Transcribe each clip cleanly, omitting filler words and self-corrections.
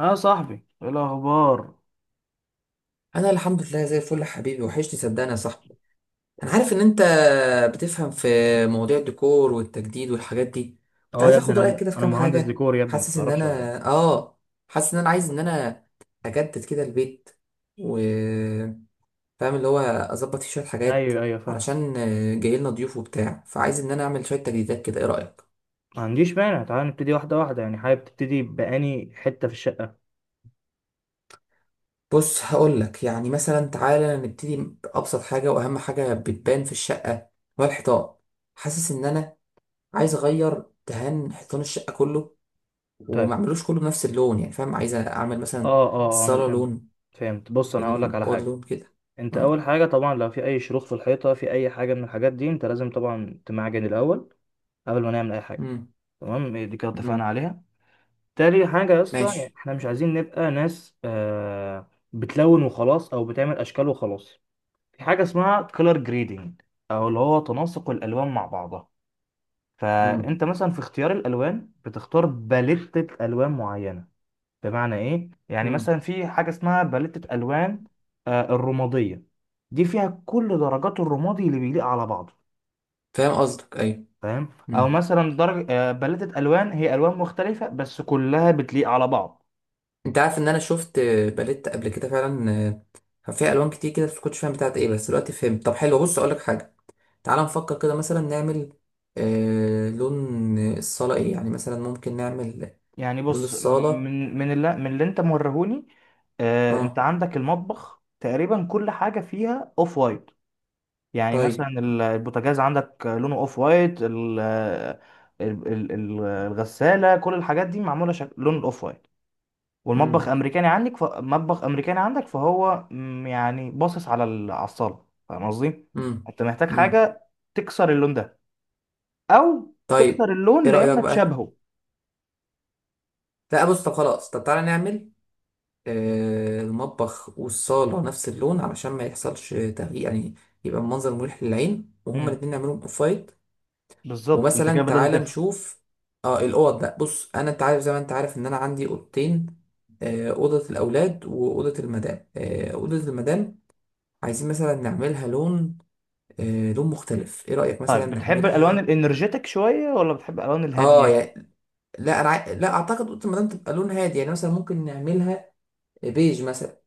اه صاحبي، ايه الاخبار؟ انا الحمد لله زي الفل يا حبيبي، وحشني صدقني يا صاحبي. انا عارف ان انت بتفهم في مواضيع الديكور والتجديد والحاجات دي. كنت اه يا عايز ابني، اخد رايك كده في انا كام مهندس حاجه. ديكور يا ابني، انت تعرفش ولا ايه؟ حاسس ان انا عايز ان انا اجدد كده البيت، وفاهم اللي هو اظبط فيه شويه حاجات، ايوه ايوه، فاهم. علشان جاي لنا ضيوف وبتاع، فعايز ان انا اعمل شويه تجديدات كده. ايه رايك؟ ما عنديش مانع، تعال نبتدي واحده واحده. يعني حابب تبتدي بأني حته في الشقه؟ بص، هقول لك يعني مثلا، تعالى نبتدي بابسط حاجه واهم حاجه بتبان في الشقه، هو الحيطان. حاسس ان انا عايز اغير دهان حيطان الشقه كله، وما طيب. اعملوش كله بنفس اللون يعني، فاهم؟ عايز اعمل مثلا اه اه، انا الصاله فهمت. لون، فهمت. بص انا هقول لك على الاوض حاجه. لون كده. انت اه. اول حاجه طبعا لو في اي شروخ في الحيطه، في اي حاجه من الحاجات دي، انت لازم طبعا تمعجن الاول قبل ما نعمل اي حاجه. امم. تمام؟ إيه دي كده اتفقنا امم. عليها. تاني حاجه يا اسطى، يعني ماشي. احنا مش عايزين نبقى ناس بتلون وخلاص، او بتعمل اشكال وخلاص. في حاجة اسمها كولر جريدنج، أو اللي هو تناسق الألوان مع بعضها. امم. فأنت مثلا في اختيار الألوان بتختار باليتة ألوان معينة. بمعنى إيه؟ يعني امم. مثلا في حاجة اسمها باليتة ألوان، الرمادية، دي فيها كل درجات الرمادي اللي بيليق على بعضه. فاهم قصدك، ايوه. فاهم؟ أو امم. مثلا درجة، باليتة ألوان هي ألوان مختلفة بس كلها بتليق على بعض. انت عارف ان انا شفت باليت قبل كده فعلا، كان فيها الوان كتير كده، بس ما كنتش فاهم بتاعت ايه، بس دلوقتي فهمت. طب حلو، بص اقول لك حاجه، تعال نفكر كده مثلا نعمل لون الصاله ايه، يعني مثلا ممكن نعمل يعني لون بص، الصاله. من اللي أنت موريهوني. أنت اه. عندك المطبخ تقريبا كل حاجة فيها أوف وايت. يعني مثلا طيب. البوتاجاز عندك لونه اوف وايت، الغسالة، كل الحاجات دي معمولة لون الاوف وايت. والمطبخ امم. امريكاني عندك، فهو، يعني باصص على الصالة. فاهم قصدي؟ انت محتاج امم. حاجة تكسر اللون ده، او تكسر طيب ايه اللون رأيك لان بقى؟ تشابهه. لا بص، طب خلاص، طب تعالى نعمل المطبخ والصالة نفس اللون، علشان ما يحصلش تغيير يعني، يبقى المنظر مريح للعين، وهما مم. الاتنين نعملهم اوف وايت. بالظبط، انت ومثلا كده بدأت تعالى تفهم. نشوف اه الاوض بقى. بص انا، انت عارف زي ما انت عارف ان انا عندي اوضتين، اوضة الاولاد واوضة المدام. آه، اوضة المدام عايزين مثلا نعملها لون، لون مختلف. ايه رأيك مثلا طيب، بتحب الالوان نعملها؟ الانرجيتك شوية ولا بتحب الالوان الهادية؟ اه يعني، لا انا عاي- لا اعتقد اوضه المدام تبقى لون هادي، يعني مثلا ممكن نعملها بيج مثلا.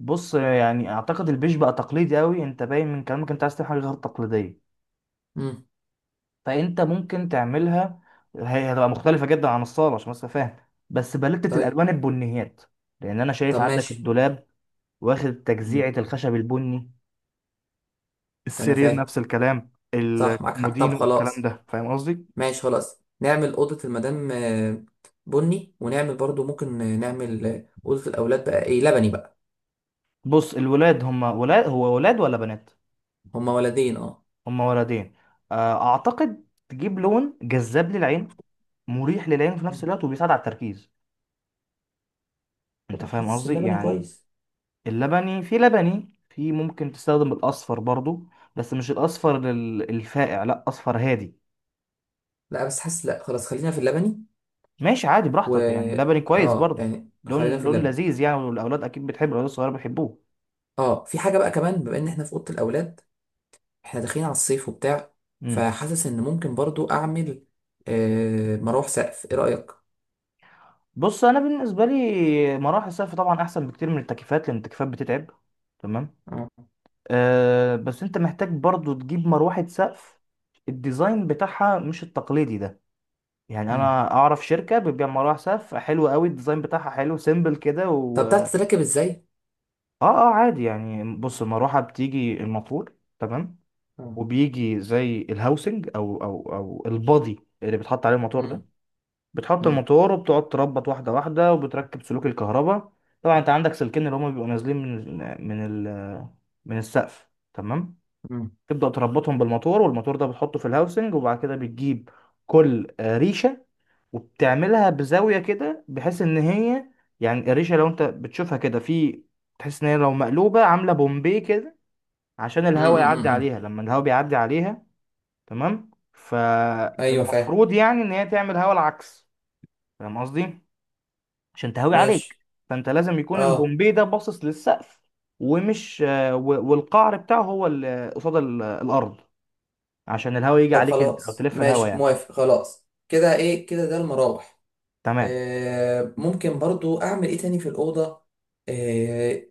بص يعني اعتقد البيج بقى تقليدي قوي، انت باين من كلامك انت عايز تعمل حاجه غير تقليديه. امم. فانت ممكن تعملها. هي هتبقى مختلفه جدا عن الصاله، عشان بس فاهم، بس بلتة طيب. الالوان البنيات. لان انا شايف طب عندك ماشي. الدولاب واخد تجزيعه امم. الخشب البني، انا السرير فاهم، نفس الكلام، صح معاك حق. طب الكومودينو والكلام خلاص، ده. فاهم قصدي؟ ماشي خلاص نعمل اوضه المدام بني، ونعمل برضو ممكن نعمل اوضه الاولاد بقى ايه، لبني بقى. بص الولاد هم ولاد، هو ولاد ولا بنات؟ هما ولدين، اه. هم ولدين. اعتقد تجيب لون جذاب للعين، مريح للعين في نفس مم. الوقت وبيساعد على التركيز. طب انت ما فاهم حاسس قصدي اللبني يعني؟ كويس. اللبني في، لبني في، ممكن تستخدم الاصفر برضو. بس مش الاصفر الفاقع، لا اصفر هادي. لا بس حاسس، لا خلاص، خلينا في اللبني. ماشي عادي و براحتك، يعني لبني كويس اه برضو. يعني لون خلينا في لون اللبني. لذيذ يعني، والاولاد اكيد بتحبه، الاولاد الصغيره بيحبوه. اه، في حاجه بقى كمان، بما ان احنا في اوضه الاولاد، احنا داخلين على الصيف وبتاع، امم. فحاسس ان ممكن برضو اعمل مروح سقف. ايه رايك؟ بص انا بالنسبه لي مراحل الصيف طبعا احسن بكتير من التكييفات، لان التكييفات بتتعب. تمام. أه بس انت محتاج برضو تجيب مروحه سقف. الديزاين بتاعها مش التقليدي ده. يعني مم. انا اعرف شركه بتبيع مروحه سقف حلوه قوي، الديزاين بتاعها حلو سيمبل كده. طب بتعرف تتركب ازاي؟ اه اه، عادي يعني. بص المروحة بتيجي الموتور، تمام. مم. وبيجي زي الهاوسنج او البادي اللي بتحط عليه الموتور ده. مم. بتحط مم. الموتور وبتقعد تربط واحدة واحدة، وبتركب سلوك الكهرباء. طبعا انت عندك سلكين اللي هما بيبقوا نازلين من ال من ال من السقف. تمام. مم. تبدأ تربطهم بالموتور، والموتور ده بتحطه في الهاوسنج، وبعد كده بتجيب كل ريشة، وبتعملها بزاوية كده، بحيث ان هي، يعني القريشة لو انت بتشوفها كده في، تحس ان هي لو مقلوبة عاملة بومبي كده، عشان مم. الهواء مم. يعدي مم. عليها. لما الهواء بيعدي عليها، تمام، ايوه فاهم. فالمفروض يعني ان هي تعمل هواء العكس. فاهم قصدي؟ عشان تهوي عليك. ماشي. فانت لازم يكون اه. البومبي ده باصص للسقف، ومش، والقعر بتاعه هو اللي قصاد الارض، عشان الهواء يجي طب عليك انت، او خلاص تلف الهواء ماشي، يعني. موافق، خلاص كده، ايه كده، ده المراوح. تمام. ممكن برضو اعمل ايه تاني في الاوضه، آه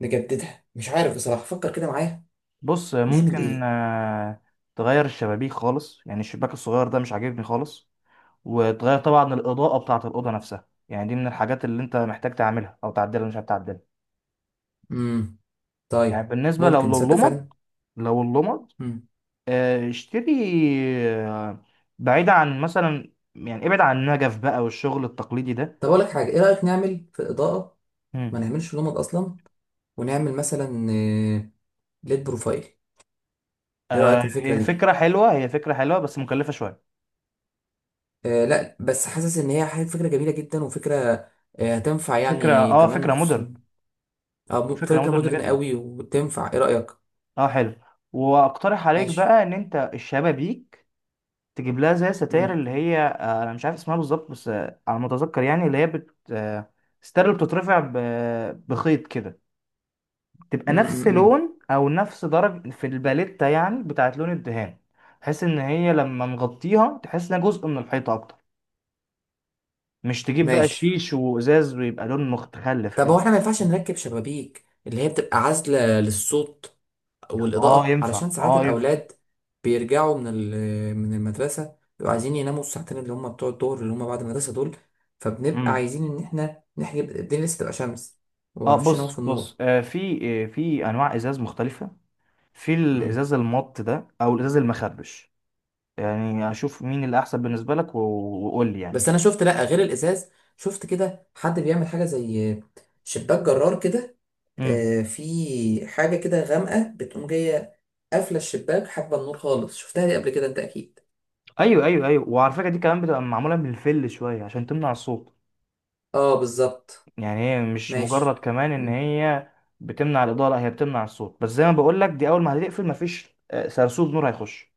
نجددها، مش عارف بصراحه، فكر كده معايا بص نعمل ممكن ايه. تغير الشبابيك خالص. يعني الشباك الصغير ده مش عاجبني خالص، وتغير طبعا الإضاءة بتاعة الأوضة نفسها. يعني دي من الحاجات اللي أنت محتاج تعملها أو تعدلها، مش هتعدلها. مم. يعني طيب. بالنسبة لو ممكن تصدق لللمض، فعلا. لو اللمض، مم. اشتري، آه، بعيد عن مثلا، يعني ابعد عن النجف بقى والشغل التقليدي ده. طب اقول لك حاجه، ايه رايك نعمل في الاضاءه مم. ما نعملش لمبة اصلا، ونعمل مثلا آه، ليد بروفايل. ايه رايك في الفكره هي دي؟ فكرة حلوة، هي فكرة حلوة بس مكلفة شوية. آه لا، بس حاسس ان هي فكره جميله جدا، وفكره هتنفع يعني، كمان فكرة مودرن. خصوصا. اه، فكرة فكره مودرن مودرن جدا. قوي وتنفع. ايه رايك؟ اه حلو. واقترح عليك ماشي. بقى ان انت الشبابيك تجيب لها زي ستاير، امم. اللي هي، انا مش عارف اسمها بالظبط، بس على ما اتذكر، يعني اللي هي بت آه، ستاير اللي بتترفع بخيط كده. تبقى نفس امم. لون او نفس درجة في الباليتة، يعني بتاعت لون الدهان، بحيث ان هي لما نغطيها تحس انها جزء من الحيطة اكتر. مش تجيب بقى ماشي. شيش وازاز ويبقى لون مختلف طب كده. هو احنا ما ينفعش نركب شبابيك اللي هي بتبقى عازله للصوت اه والاضاءه، ينفع، علشان ساعات اه ينفع. الاولاد بيرجعوا من من المدرسه، بيبقوا عايزين يناموا الساعتين اللي هم بتوع الظهر اللي هم بعد المدرسه دول، فبنبقى امم. عايزين ان احنا نحجب الدنيا لسه تبقى شمس، اه، ومعرفش يناموا بص في النور. بص، في انواع ازاز مختلفه. في الازاز المط ده، او الازاز المخربش. يعني اشوف مين اللي احسن بالنسبه لك، وقول لي يعني. بس انا شفت، لا غير الازاز، شفت كده حد بيعمل حاجه زي شباك جرار كده. امم. في حاجه كده غامقه بتقوم جايه، قافله الشباك، حاجبه النور خالص. شفتها دي قبل كده انت اكيد. ايوه ايوه ايوه، وعلى فكره دي كمان بتبقى معموله بالفل شويه عشان تمنع الصوت. اه بالظبط. يعني هي مش مجرد ماشي. كمان ان مم. هي بتمنع الاضاءه، لا، هي بتمنع الصوت بس. زي ما بقول لك، دي اول ما هتقفل مفيش سرسوط نور هيخش.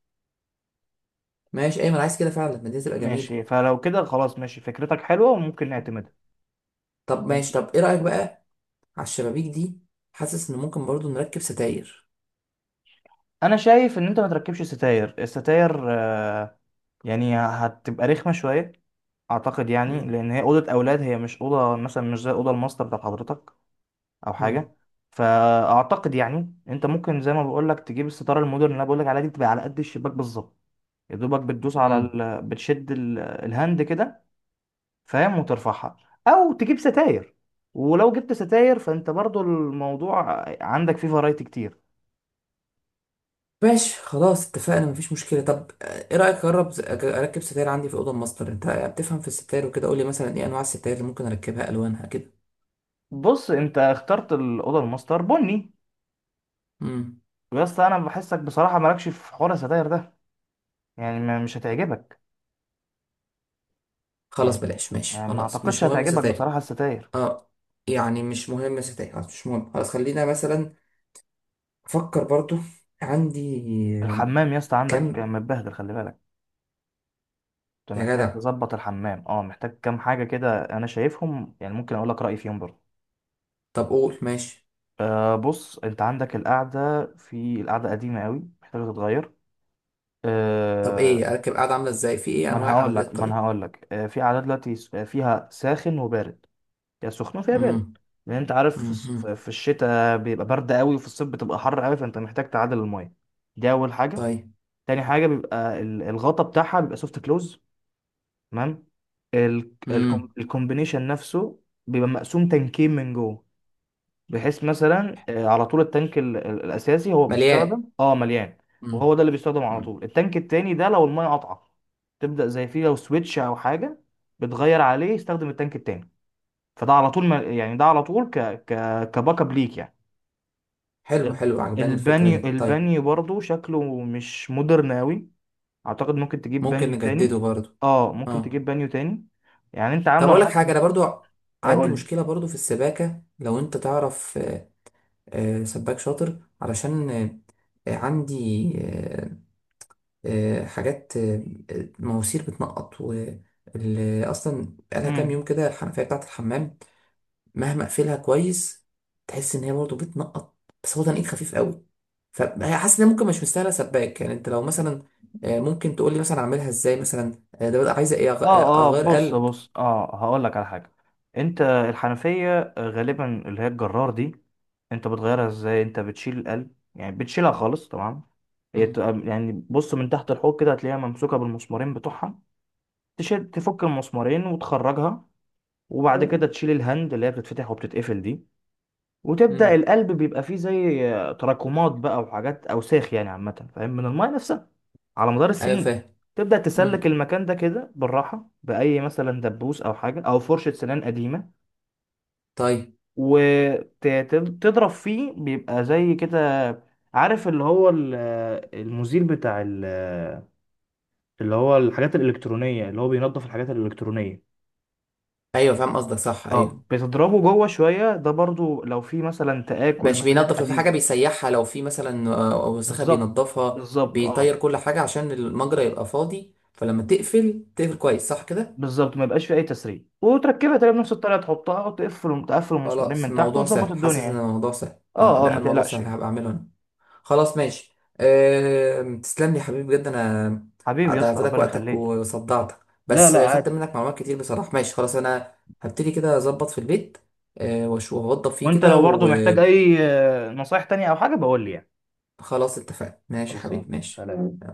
ماشي ايمن، عايز كده فعلا، ما دي تبقى جميله. ماشي. فلو كده خلاص ماشي، فكرتك حلوه وممكن نعتمدها. طب طب ماشي، طب ايه رايك بقى على الشبابيك دي؟ حاسس ان ممكن برضو نركب ستاير. انا شايف ان انت ما تركبش ستاير. الستاير، يعني هتبقى رخمه شويه، اعتقد يعني، مم. لان هي اوضه اولاد، هي مش اوضه مثلا، مش زي اوضه الماستر بتاعت حضرتك او مم. حاجه. فاعتقد يعني انت ممكن زي ما بقول لك تجيب الستاره المودرن اللي انا بقول لك عليها دي، بتبقى على قد الشباك بالظبط، يا دوبك بتدوس على مم. بتشد الهاند كده. فاهم؟ وترفعها، او تجيب ستاير. ولو جبت ستاير فانت برضو الموضوع عندك فيه فرايتي كتير. ماشي خلاص، اتفقنا، مفيش مشكلة. طب، ايه رأيك اجرب اركب ستاير عندي في الأوضة الماستر، انت بتفهم في الستاير وكده. قولي مثلا ايه انواع الستاير اللي ممكن اركبها، الوانها كده. بص انت اخترت الاوضه الماستر بني، امم. بس انا بحسك بصراحه مالكش في حوار الستاير ده. يعني مش هتعجبك خلاص يعني. بلاش، ماشي يعني ما خلاص، اعتقدش مش مهم هتعجبك ستاير. بصراحه الستاير. اه يعني، مش مهم ستاير، خلاص مش مهم، خلاص خلينا مثلا افكر برضو عندي آه، الحمام يا اسطى عندك كم. متبهدل، خلي بالك. كنت يا محتاج جدع. تظبط الحمام، محتاج كام حاجة كده أنا شايفهم، يعني ممكن أقول لك رأيي فيهم برضه. طب قول، ماشي. أه بص، أنت عندك القعدة، في القعدة قديمة قوي محتاجة تتغير. طب أه ايه، اركب قاعدة عاملة ازاي، في ايه انواع قعدات؟ ما أنا طيب. هقول لك. أه في قعدة دلوقتي، فيها ساخن وبارد، يا سخنة فيها امم. بارد. لأن أنت عارف امم. في الشتاء بيبقى برد قوي، وفي الصيف بتبقى حر قوي، فأنت محتاج تعادل المية. دي أول حاجة. طيب. تاني حاجة بيبقى الغطا بتاعها بيبقى سوفت كلوز. تمام. امم. الكومبينيشن نفسه بيبقى مقسوم تنكين من جوه، بحيث مثلا على طول التانك الاساسي هو مليان. بيستخدم، مليان، وهو ده اللي بيستخدم على امم. طول. التانك التاني ده لو الميه قطعه، تبدا زي فيه لو سويتش او حاجه بتغير عليه، يستخدم التانك التاني. فده على طول، ما يعني ده على طول ك ك كباك اب ليك يعني. حلو ال- حلو، عجباني الفكرة البانيو دي. طيب. البانيو برضو شكله مش مودرن قوي، اعتقد ممكن تجيب ممكن بانيو نجدده تاني. برضو. اه ممكن اه، تجيب بانيو تاني. يعني انت طب عامله، انا اقول لك حاسس. حاجة، انا برضو عندي اقول لي. مشكلة برضو في السباكة. لو انت تعرف سباك شاطر، علشان عندي حاجات مواسير بتنقط، و اصلا بقالها كام امم. يوم كده الحنفية بتاعة الحمام، مهما اقفلها كويس، تحس ان هي برضو بتنقط، بس هو تنقيط خفيف قوي، هي حاسس ان هي ممكن مش مستاهله سباك. يعني انت لو مثلا ممكن تقول لي مثلا اعملها ازاي، مثلا ده بقى عايزه ايه، اه اه، اغير بص قلب؟ بص، اه هقول لك على حاجه. انت الحنفيه غالبا اللي هي الجرار دي، انت بتغيرها ازاي؟ انت بتشيل القلب، يعني بتشيلها خالص. تمام. هي مم. بتبقى يعني، بص من تحت الحوض كده هتلاقيها ممسوكه بالمسمارين بتوعها. تشيل، تفك المسمارين وتخرجها، وبعد كده تشيل الهند اللي هي بتتفتح وبتتقفل دي، وتبدا مم. القلب بيبقى فيه زي تراكمات بقى، وحاجات اوساخ يعني عامه. فاهم؟ من المايه نفسها على مدار ايوه السنين. فاهم. تبدأ تسلك مم. المكان ده كده بالراحة، بأي مثلا دبوس أو حاجة أو فرشة سنان قديمة، طيب. وتضرب فيه بيبقى زي كده. عارف اللي هو المزيل بتاع اللي هو الحاجات الإلكترونية، اللي هو بينظف الحاجات الإلكترونية. ايوه فاهم قصدك صح، ايوه. اه، بتضربه جوه شوية، ده برضو لو في مثلا تآكل ما ماشي، بين بينظف، لو في حاجه الحديد. بيسيحها، لو في مثلا وسخه بالظبط. بينظفها، بالظبط بيطير اه. كل حاجه عشان المجرى يبقى فاضي، فلما تقفل تقفل كويس، صح كده؟ بالظبط ما يبقاش في أي تسريب، وتركبها تاني بنفس الطريقة، تحطها وتقفل، تقفل المسمارين خلاص من تحت، الموضوع وتظبط سهل، الدنيا حاسس ان يعني. الموضوع سهل، اه اه اه، لا ما الموضوع تقلقش سهل، يعني. هبقى اعمله انا. خلاص ماشي، تسلم لي يا حبيبي بجد، انا حبيبي يا اسطى، ضيعت لك ربنا وقتك يخليك. وصدعتك، لا بس لا، خدت عادي. منك معلومات كتير بصراحه. ماشي خلاص، انا هبتدي كده اظبط في البيت، واشوف اوضب فيه وانت كده لو برضه محتاج وخلاص. اي نصايح تانية او حاجه، بقول لي يعني. اتفقنا، ماشي يا خلصان، حبيبي، ماشي. سلام.